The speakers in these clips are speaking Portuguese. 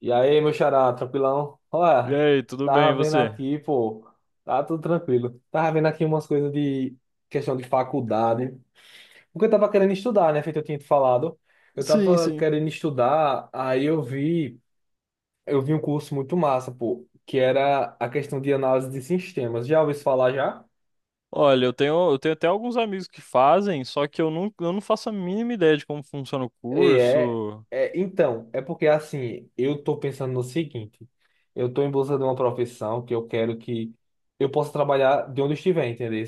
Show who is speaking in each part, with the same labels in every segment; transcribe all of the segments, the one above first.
Speaker 1: E aí, meu xará, tranquilão?
Speaker 2: E
Speaker 1: Olha,
Speaker 2: aí, tudo bem, e
Speaker 1: tava vendo
Speaker 2: você?
Speaker 1: aqui, pô, tá tudo tranquilo. Tava vendo aqui umas coisas de questão de faculdade, porque eu tava querendo estudar, né? Feito eu tinha te falado. Eu
Speaker 2: Sim,
Speaker 1: tava
Speaker 2: sim.
Speaker 1: querendo estudar, aí eu vi um curso muito massa, pô, que era a questão de análise de sistemas. Já ouviu isso falar já?
Speaker 2: Olha, eu tenho até alguns amigos que fazem, só que eu não faço a mínima ideia de como funciona o
Speaker 1: E É,
Speaker 2: curso.
Speaker 1: então, é porque assim, eu tô pensando no seguinte, eu tô em busca de uma profissão que eu quero que eu possa trabalhar de onde eu estiver, entendeu?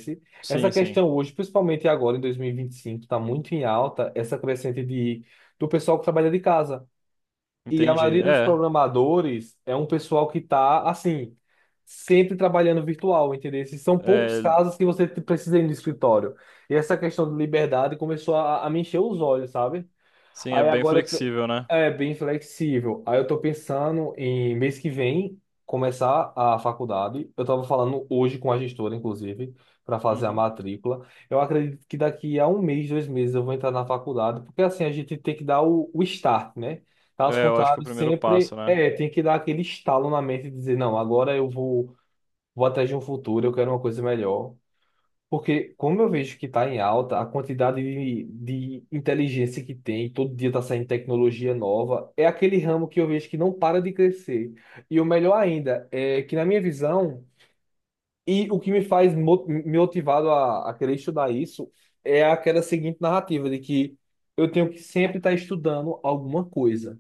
Speaker 1: Essa
Speaker 2: Sim, sim,
Speaker 1: questão hoje, principalmente agora em dois mil e vinte e cinco tá muito em alta essa crescente do pessoal que trabalha de casa. E a
Speaker 2: entendi.
Speaker 1: maioria dos programadores é um pessoal que tá, assim, sempre trabalhando virtual, entendeu? Esses são poucos
Speaker 2: É,
Speaker 1: casos que você precisa ir no escritório. E essa
Speaker 2: é-
Speaker 1: questão de liberdade começou a me encher os olhos, sabe?
Speaker 2: sim, é
Speaker 1: Aí
Speaker 2: bem
Speaker 1: agora eu t-
Speaker 2: flexível, né?
Speaker 1: É bem flexível. Aí eu tô pensando em mês que vem começar a faculdade. Eu tava falando hoje com a gestora, inclusive, para fazer a
Speaker 2: Uhum.
Speaker 1: matrícula. Eu acredito que daqui a um mês, dois meses eu vou entrar na faculdade, porque assim a gente tem que dar o start, né? Caso
Speaker 2: É, eu acho que é o
Speaker 1: contrário,
Speaker 2: primeiro
Speaker 1: sempre
Speaker 2: passo, né?
Speaker 1: é, tem que dar aquele estalo na mente e dizer, não, agora eu vou, vou atrás de um futuro, eu quero uma coisa melhor. Porque como eu vejo que está em alta, a quantidade de inteligência que tem, todo dia está saindo tecnologia nova, é aquele ramo que eu vejo que não para de crescer. E o melhor ainda é que, na minha visão, e o que me faz me motivado a querer estudar isso, é aquela seguinte narrativa de que eu tenho que sempre estar estudando alguma coisa.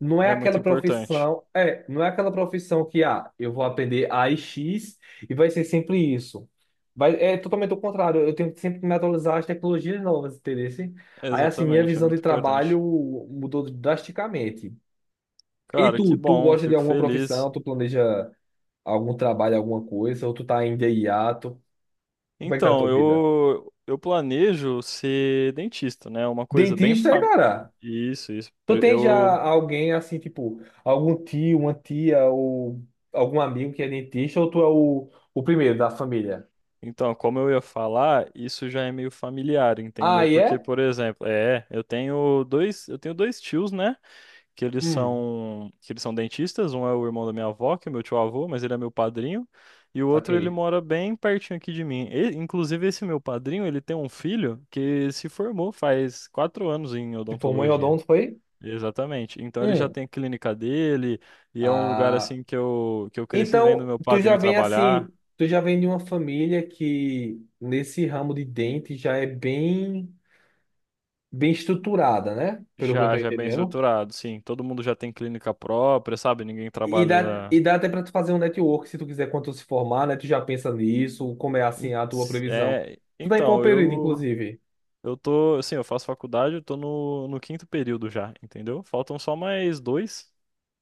Speaker 1: Não é
Speaker 2: É muito
Speaker 1: aquela
Speaker 2: importante.
Speaker 1: profissão, é, não é aquela profissão que, ah, eu vou aprender a e X e vai ser sempre isso. Vai, é totalmente o contrário, eu tenho que sempre me atualizar às tecnologias novas, entendeu? Assim, aí, assim, minha
Speaker 2: Exatamente, é
Speaker 1: visão de
Speaker 2: muito importante.
Speaker 1: trabalho mudou drasticamente. E
Speaker 2: Cara, que
Speaker 1: tu, tu
Speaker 2: bom,
Speaker 1: gosta de
Speaker 2: fico
Speaker 1: alguma profissão,
Speaker 2: feliz.
Speaker 1: tu planeja algum trabalho, alguma coisa, ou tu tá ainda em hiato? Como é que tá a
Speaker 2: Então,
Speaker 1: tua vida?
Speaker 2: eu planejo ser dentista, né? Uma coisa bem,
Speaker 1: Dentista, é, cara?
Speaker 2: isso, isso.
Speaker 1: Tu
Speaker 2: Pre-
Speaker 1: tem já
Speaker 2: Eu
Speaker 1: alguém assim, tipo, algum tio, uma tia ou algum amigo que é dentista ou tu é o primeiro da família?
Speaker 2: Então, como eu ia falar, isso já é meio familiar,
Speaker 1: Ah,
Speaker 2: entendeu?
Speaker 1: e
Speaker 2: Porque,
Speaker 1: é?
Speaker 2: por exemplo, é, eu tenho dois tios, né? Que eles
Speaker 1: Hum,
Speaker 2: são, que eles são dentistas. Um é o irmão da minha avó, que é meu tio-avô, mas ele é meu padrinho. E o outro, ele
Speaker 1: saquei.
Speaker 2: mora bem pertinho aqui de mim. E, inclusive, esse meu padrinho, ele tem um filho que se formou faz quatro anos em
Speaker 1: Se formou em
Speaker 2: odontologia.
Speaker 1: odonto, foi?
Speaker 2: Exatamente. Então ele já
Speaker 1: Hum.
Speaker 2: tem a clínica dele e é um lugar
Speaker 1: Ah,
Speaker 2: assim que eu cresci vendo
Speaker 1: então
Speaker 2: meu
Speaker 1: tu já
Speaker 2: padrinho
Speaker 1: vem
Speaker 2: trabalhar.
Speaker 1: assim, tu já vem de uma família que nesse ramo de dente já é bem, bem estruturada, né? Pelo que eu tô
Speaker 2: Já, já é bem
Speaker 1: entendendo.
Speaker 2: estruturado, sim. Todo mundo já tem clínica própria, sabe? Ninguém
Speaker 1: E dá,
Speaker 2: trabalha.
Speaker 1: e dá até para tu fazer um network se tu quiser quando tu se formar, né? Tu já pensa nisso, como é
Speaker 2: em-
Speaker 1: assim a tua previsão.
Speaker 2: É,
Speaker 1: Tu tá em qual
Speaker 2: então,
Speaker 1: período,
Speaker 2: eu
Speaker 1: inclusive?
Speaker 2: eu tô, assim, eu faço faculdade, eu tô no quinto período já, entendeu? Faltam só mais dois,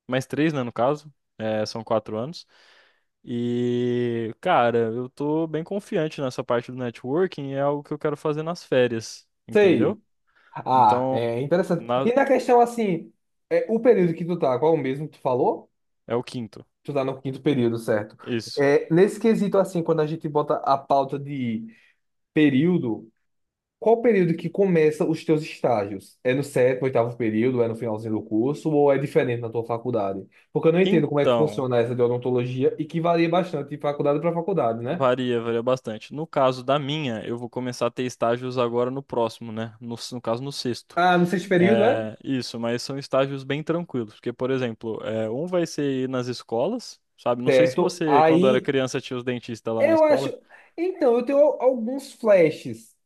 Speaker 2: mais três, né, no caso. É, são quatro anos. E, cara, eu tô bem confiante nessa parte do networking, é algo que eu quero fazer nas férias, entendeu?
Speaker 1: Sei. Ah,
Speaker 2: Então,
Speaker 1: é interessante. E
Speaker 2: na-
Speaker 1: na questão assim, é, o período que tu tá, qual é o mesmo que tu falou?
Speaker 2: É o quinto.
Speaker 1: Tu tá no quinto período, certo?
Speaker 2: Isso.
Speaker 1: É, nesse quesito assim, quando a gente bota a pauta de período, qual o período que começa os teus estágios? É no sétimo, oitavo período? É no finalzinho do curso? Ou é diferente na tua faculdade? Porque eu não entendo como é que
Speaker 2: Então.
Speaker 1: funciona essa de odontologia e que varia bastante de faculdade para faculdade, né?
Speaker 2: Varia, varia bastante. No caso da minha, eu vou começar a ter estágios agora no próximo, né? No caso, no sexto.
Speaker 1: Ah, no sexto período, é?
Speaker 2: É, isso, mas são estágios bem tranquilos, porque, por exemplo, é, um vai ser ir nas escolas, sabe? Não sei se
Speaker 1: Certo.
Speaker 2: você, quando era
Speaker 1: Aí,
Speaker 2: criança, tinha os dentistas lá na
Speaker 1: eu acho...
Speaker 2: escola.
Speaker 1: Então, eu tenho alguns flashes.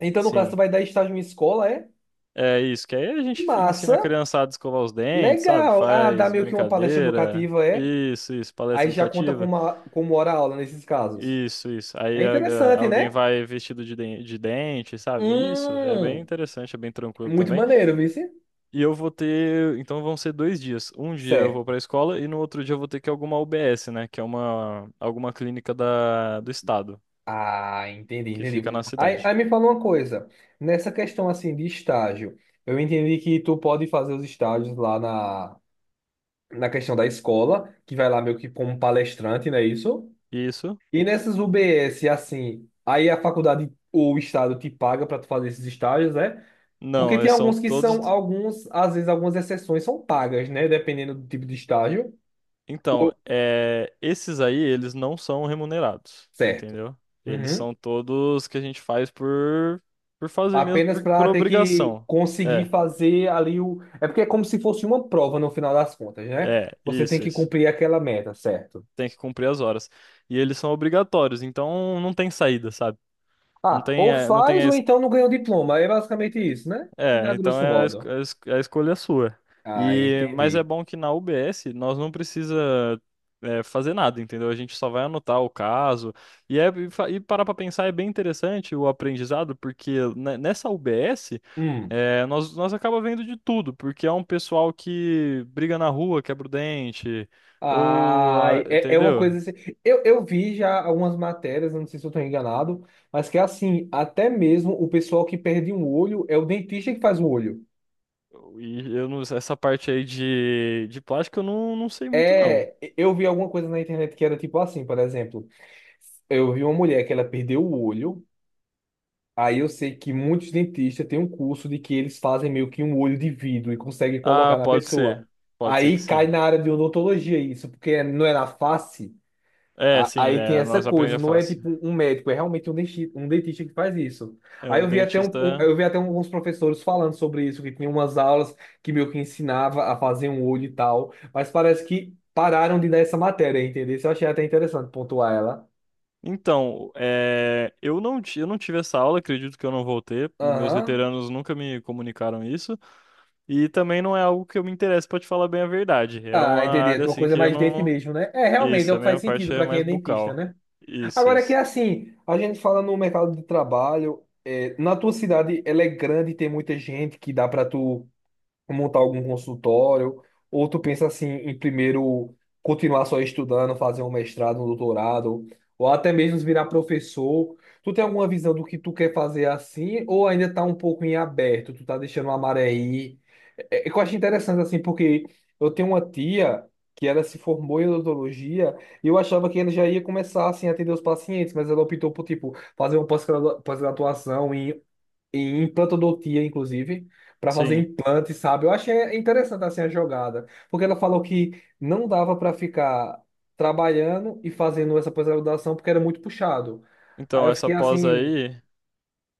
Speaker 1: Então, no caso, tu
Speaker 2: Sim,
Speaker 1: vai dar estágio em escola, é?
Speaker 2: é isso, que aí a gente ensina a
Speaker 1: Massa.
Speaker 2: criançada a escovar os dentes, sabe?
Speaker 1: Legal. Ah, dá
Speaker 2: Faz
Speaker 1: meio que uma palestra
Speaker 2: brincadeira,
Speaker 1: educativa, é?
Speaker 2: isso, palestra
Speaker 1: Aí já conta
Speaker 2: educativa.
Speaker 1: como, como hora-aula nesses casos.
Speaker 2: Isso, isso.
Speaker 1: É interessante,
Speaker 2: Alguém
Speaker 1: né?
Speaker 2: vai vestido de, de dente, sabe? Isso é bem
Speaker 1: Hum...
Speaker 2: interessante, é bem tranquilo
Speaker 1: Muito
Speaker 2: também.
Speaker 1: maneiro, vice?
Speaker 2: E eu vou ter, então vão ser dois dias. Um dia eu vou para
Speaker 1: Certo.
Speaker 2: a escola e no outro dia eu vou ter que ir a alguma UBS, né? Que é uma alguma clínica do estado
Speaker 1: Ah, entendi,
Speaker 2: que
Speaker 1: entendi.
Speaker 2: fica na
Speaker 1: Aí,
Speaker 2: cidade.
Speaker 1: aí me fala uma coisa. Nessa questão assim de estágio, eu entendi que tu pode fazer os estágios lá na questão da escola, que vai lá meio que como palestrante, não é isso?
Speaker 2: Isso?
Speaker 1: E nessas UBS, assim, aí a faculdade ou o estado te paga para tu fazer esses estágios, né? Porque
Speaker 2: Não, eh,
Speaker 1: tem
Speaker 2: são
Speaker 1: alguns que
Speaker 2: todos.
Speaker 1: são, alguns, às vezes algumas exceções são pagas, né? Dependendo do tipo de estágio. O-
Speaker 2: Então, é, esses aí eles não são remunerados,
Speaker 1: Certo.
Speaker 2: entendeu? Eles
Speaker 1: Uhum.
Speaker 2: são todos que a gente faz por fazer mesmo,
Speaker 1: Apenas
Speaker 2: por,
Speaker 1: para
Speaker 2: por
Speaker 1: ter que
Speaker 2: obrigação.
Speaker 1: conseguir
Speaker 2: É,
Speaker 1: fazer ali o. É porque é como se fosse uma prova no final das contas, né?
Speaker 2: é,
Speaker 1: Você tem
Speaker 2: isso,
Speaker 1: que
Speaker 2: isso.
Speaker 1: cumprir aquela meta, certo?
Speaker 2: Tem que cumprir as horas. E eles são obrigatórios, então não tem saída, sabe? Não
Speaker 1: Ah,
Speaker 2: tem,
Speaker 1: ou
Speaker 2: é, não tem
Speaker 1: faz
Speaker 2: a,
Speaker 1: ou
Speaker 2: es-
Speaker 1: então não ganha o diploma. É basicamente isso, né? A
Speaker 2: É, então
Speaker 1: grosso
Speaker 2: é
Speaker 1: modo.
Speaker 2: a escolha é sua.
Speaker 1: Ah,
Speaker 2: E, mas é
Speaker 1: entendi.
Speaker 2: bom que na UBS nós não precisa é, fazer nada, entendeu? A gente só vai anotar o caso. E parar pra pensar é bem interessante o aprendizado, porque nessa UBS
Speaker 1: Hum.
Speaker 2: é, nós acaba vendo de tudo, porque é um pessoal que briga na rua, quebra o dente, ou,
Speaker 1: Ah,
Speaker 2: ah,
Speaker 1: é, é uma
Speaker 2: entendeu?
Speaker 1: coisa assim. Eu vi já algumas matérias, não sei se eu estou enganado, mas que é assim, até mesmo o pessoal que perde um olho é o dentista que faz o olho.
Speaker 2: E eu não, Essa parte aí de plástico eu não sei muito não.
Speaker 1: É, eu vi alguma coisa na internet que era tipo assim, por exemplo. Eu vi uma mulher que ela perdeu o olho. Aí eu sei que muitos dentistas têm um curso de que eles fazem meio que um olho de vidro e conseguem
Speaker 2: Ah,
Speaker 1: colocar na
Speaker 2: pode
Speaker 1: pessoa.
Speaker 2: ser. Pode ser que
Speaker 1: Aí cai
Speaker 2: sim.
Speaker 1: na área de odontologia isso, porque não é na face.
Speaker 2: É, sim,
Speaker 1: Aí tem
Speaker 2: é,
Speaker 1: essa
Speaker 2: nós
Speaker 1: coisa,
Speaker 2: aprendemos
Speaker 1: não é
Speaker 2: fácil.
Speaker 1: tipo um médico, é realmente um dentista que faz isso.
Speaker 2: É,
Speaker 1: Aí
Speaker 2: o
Speaker 1: eu vi até um,
Speaker 2: dentista.
Speaker 1: eu vi até alguns professores falando sobre isso, que tinha umas aulas que meio que ensinava a fazer um olho e tal, mas parece que pararam de dar essa matéria, entendeu? Isso eu achei até interessante pontuar ela.
Speaker 2: Então, é, eu não tive essa aula, acredito que eu não vou ter. Meus
Speaker 1: Aham.
Speaker 2: veteranos nunca me comunicaram isso. E também não é algo que eu me interesse, pra te falar bem a verdade. É
Speaker 1: Ah,
Speaker 2: uma
Speaker 1: entendi. A
Speaker 2: área
Speaker 1: tua
Speaker 2: assim
Speaker 1: coisa é
Speaker 2: que eu
Speaker 1: mais dente
Speaker 2: não.
Speaker 1: mesmo, né? É, realmente, é
Speaker 2: Isso,
Speaker 1: o
Speaker 2: a
Speaker 1: que
Speaker 2: minha
Speaker 1: faz
Speaker 2: parte
Speaker 1: sentido
Speaker 2: é
Speaker 1: para quem
Speaker 2: mais
Speaker 1: é dentista,
Speaker 2: bucal.
Speaker 1: né?
Speaker 2: Isso,
Speaker 1: Agora que é
Speaker 2: isso.
Speaker 1: assim, a gente fala no mercado de trabalho, é, na tua cidade ela é grande, tem muita gente que dá para tu montar algum consultório, ou tu pensa assim em primeiro continuar só estudando, fazer um mestrado, um doutorado, ou até mesmo virar professor. Tu tem alguma visão do que tu quer fazer assim, ou ainda tá um pouco em aberto, tu tá deixando a maré ir? É, é que eu acho interessante assim, porque eu tenho uma tia que ela se formou em odontologia e eu achava que ela já ia começar assim a atender os pacientes, mas ela optou por tipo fazer uma pós-graduação em implantodontia, inclusive, para fazer
Speaker 2: Sim.
Speaker 1: implante, sabe? Eu achei interessante assim a jogada, porque ela falou que não dava para ficar trabalhando e fazendo essa pós-graduação porque era muito puxado. Aí
Speaker 2: Então,
Speaker 1: eu
Speaker 2: essa
Speaker 1: fiquei
Speaker 2: pós
Speaker 1: assim,
Speaker 2: aí.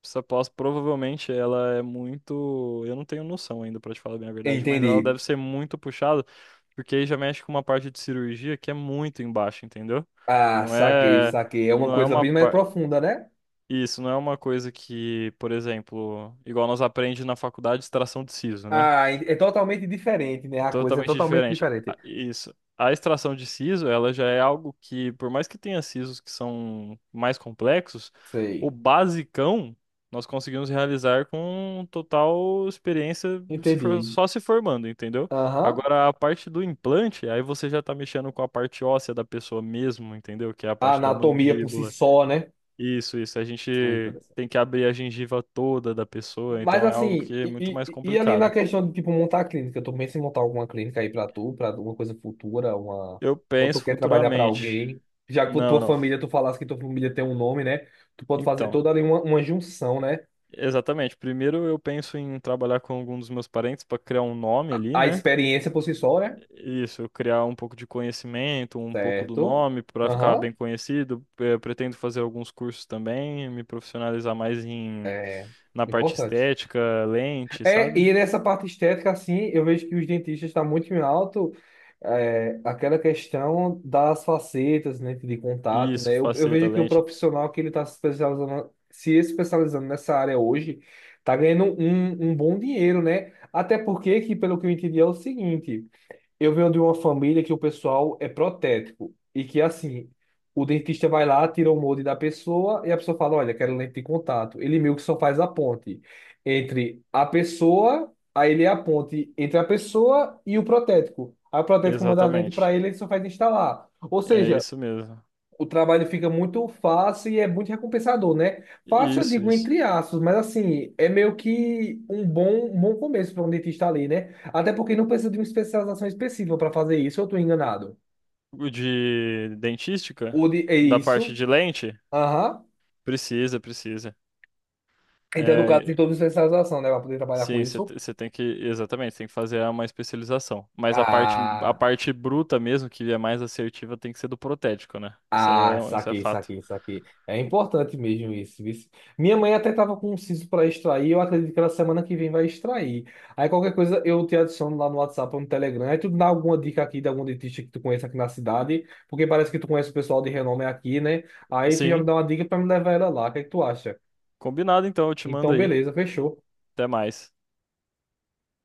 Speaker 2: Essa pós provavelmente ela é muito. Eu não tenho noção ainda, pra te falar bem a verdade, mas ela
Speaker 1: entendi.
Speaker 2: deve ser muito puxada, porque aí já mexe com uma parte de cirurgia que é muito embaixo, entendeu?
Speaker 1: Ah,
Speaker 2: Não
Speaker 1: saquei,
Speaker 2: é.
Speaker 1: saquei. É uma
Speaker 2: Não é
Speaker 1: coisa
Speaker 2: uma.
Speaker 1: bem mais
Speaker 2: par-
Speaker 1: profunda, né?
Speaker 2: Isso, não é uma coisa que, por exemplo, igual nós aprende na faculdade, extração de siso, né?
Speaker 1: Ah, é totalmente diferente, né? A coisa é
Speaker 2: Totalmente
Speaker 1: totalmente
Speaker 2: diferente.
Speaker 1: diferente.
Speaker 2: Isso. A extração de siso, ela já é algo que, por mais que tenha sisos que são mais complexos, o
Speaker 1: Sei.
Speaker 2: basicão nós conseguimos realizar com total experiência, se for-
Speaker 1: Entendi.
Speaker 2: só se formando, entendeu?
Speaker 1: Aham.
Speaker 2: Agora, a parte do implante, aí você já tá mexendo com a parte óssea da pessoa mesmo, entendeu? Que é a
Speaker 1: A
Speaker 2: parte da
Speaker 1: anatomia por si
Speaker 2: mandíbula.
Speaker 1: só, né?
Speaker 2: Isso, isso. A gente
Speaker 1: Ah, então.
Speaker 2: tem que abrir a gengiva toda da pessoa,
Speaker 1: Mas
Speaker 2: então é algo
Speaker 1: assim,
Speaker 2: que é muito
Speaker 1: e,
Speaker 2: mais
Speaker 1: e- e ali na
Speaker 2: complicado.
Speaker 1: questão de tipo montar a clínica, eu tô em montar alguma clínica aí pra tu, pra alguma coisa futura, uma
Speaker 2: Eu
Speaker 1: ou tu
Speaker 2: penso
Speaker 1: quer trabalhar pra
Speaker 2: futuramente.
Speaker 1: alguém, já que por
Speaker 2: Não,
Speaker 1: tua
Speaker 2: não.
Speaker 1: família, tu falasse que tua família tem um nome, né? Tu pode fazer
Speaker 2: Então,
Speaker 1: toda ali uma junção, né?
Speaker 2: exatamente. Primeiro eu penso em trabalhar com algum dos meus parentes para criar um nome ali,
Speaker 1: A
Speaker 2: né?
Speaker 1: experiência por si só, né?
Speaker 2: Isso, criar um pouco de conhecimento, um pouco do
Speaker 1: Certo.
Speaker 2: nome para ficar
Speaker 1: Aham,
Speaker 2: bem conhecido. Eh, pretendo fazer alguns cursos também, me profissionalizar mais em na parte
Speaker 1: importante.
Speaker 2: estética, lente,
Speaker 1: É,
Speaker 2: sabe?
Speaker 1: e nessa parte estética, assim, eu vejo que os dentistas estão muito em alto é, aquela questão das facetas, né, de contato,
Speaker 2: Isso,
Speaker 1: né? Eu
Speaker 2: faceta,
Speaker 1: vejo que o
Speaker 2: lente.
Speaker 1: profissional que ele está se especializando, se especializando nessa área hoje, está ganhando um bom dinheiro, né? Até porque, que pelo que eu entendi, é o seguinte. Eu venho de uma família que o pessoal é protético e que, assim, o dentista vai lá, tira o molde da pessoa e a pessoa fala: Olha, quero lente de contato. Ele meio que só faz a ponte entre a pessoa, aí ele é a ponte entre a pessoa e o protético. Aí o protético manda a lente para
Speaker 2: Exatamente.
Speaker 1: ele, ele só faz instalar. Ou
Speaker 2: É
Speaker 1: seja,
Speaker 2: isso mesmo.
Speaker 1: o trabalho fica muito fácil e é muito recompensador, né? Fácil, eu
Speaker 2: Isso,
Speaker 1: digo
Speaker 2: isso.
Speaker 1: entre aspas, mas assim, é meio que um bom começo para um dentista ali, né? Até porque não precisa de uma especialização específica para fazer isso, eu estou enganado.
Speaker 2: O de dentística,
Speaker 1: É
Speaker 2: da parte
Speaker 1: isso?
Speaker 2: de lente,
Speaker 1: Aham.
Speaker 2: precisa, precisa.
Speaker 1: Então, no caso, tem
Speaker 2: É,
Speaker 1: toda uma especialização, né? Para poder trabalhar com
Speaker 2: sim,
Speaker 1: isso.
Speaker 2: você tem que, exatamente, tem que fazer uma especialização. Mas a
Speaker 1: Ah.
Speaker 2: parte bruta mesmo, que é mais assertiva, tem que ser do protético, né?
Speaker 1: Ah,
Speaker 2: Isso é
Speaker 1: saquei,
Speaker 2: fato.
Speaker 1: saquei, saquei. É importante mesmo isso, isso. Minha mãe até tava com um siso para extrair, eu acredito que ela semana que vem vai extrair. Aí qualquer coisa eu te adiciono lá no WhatsApp ou no Telegram. Aí tu dá alguma dica aqui de algum dentista que tu conheça aqui na cidade, porque parece que tu conhece o pessoal de renome aqui, né? Aí tu já me
Speaker 2: Sim,
Speaker 1: dá uma dica para me levar ela lá. O que é que tu acha?
Speaker 2: combinado então, eu te mando
Speaker 1: Então,
Speaker 2: aí.
Speaker 1: beleza, fechou.
Speaker 2: Até mais.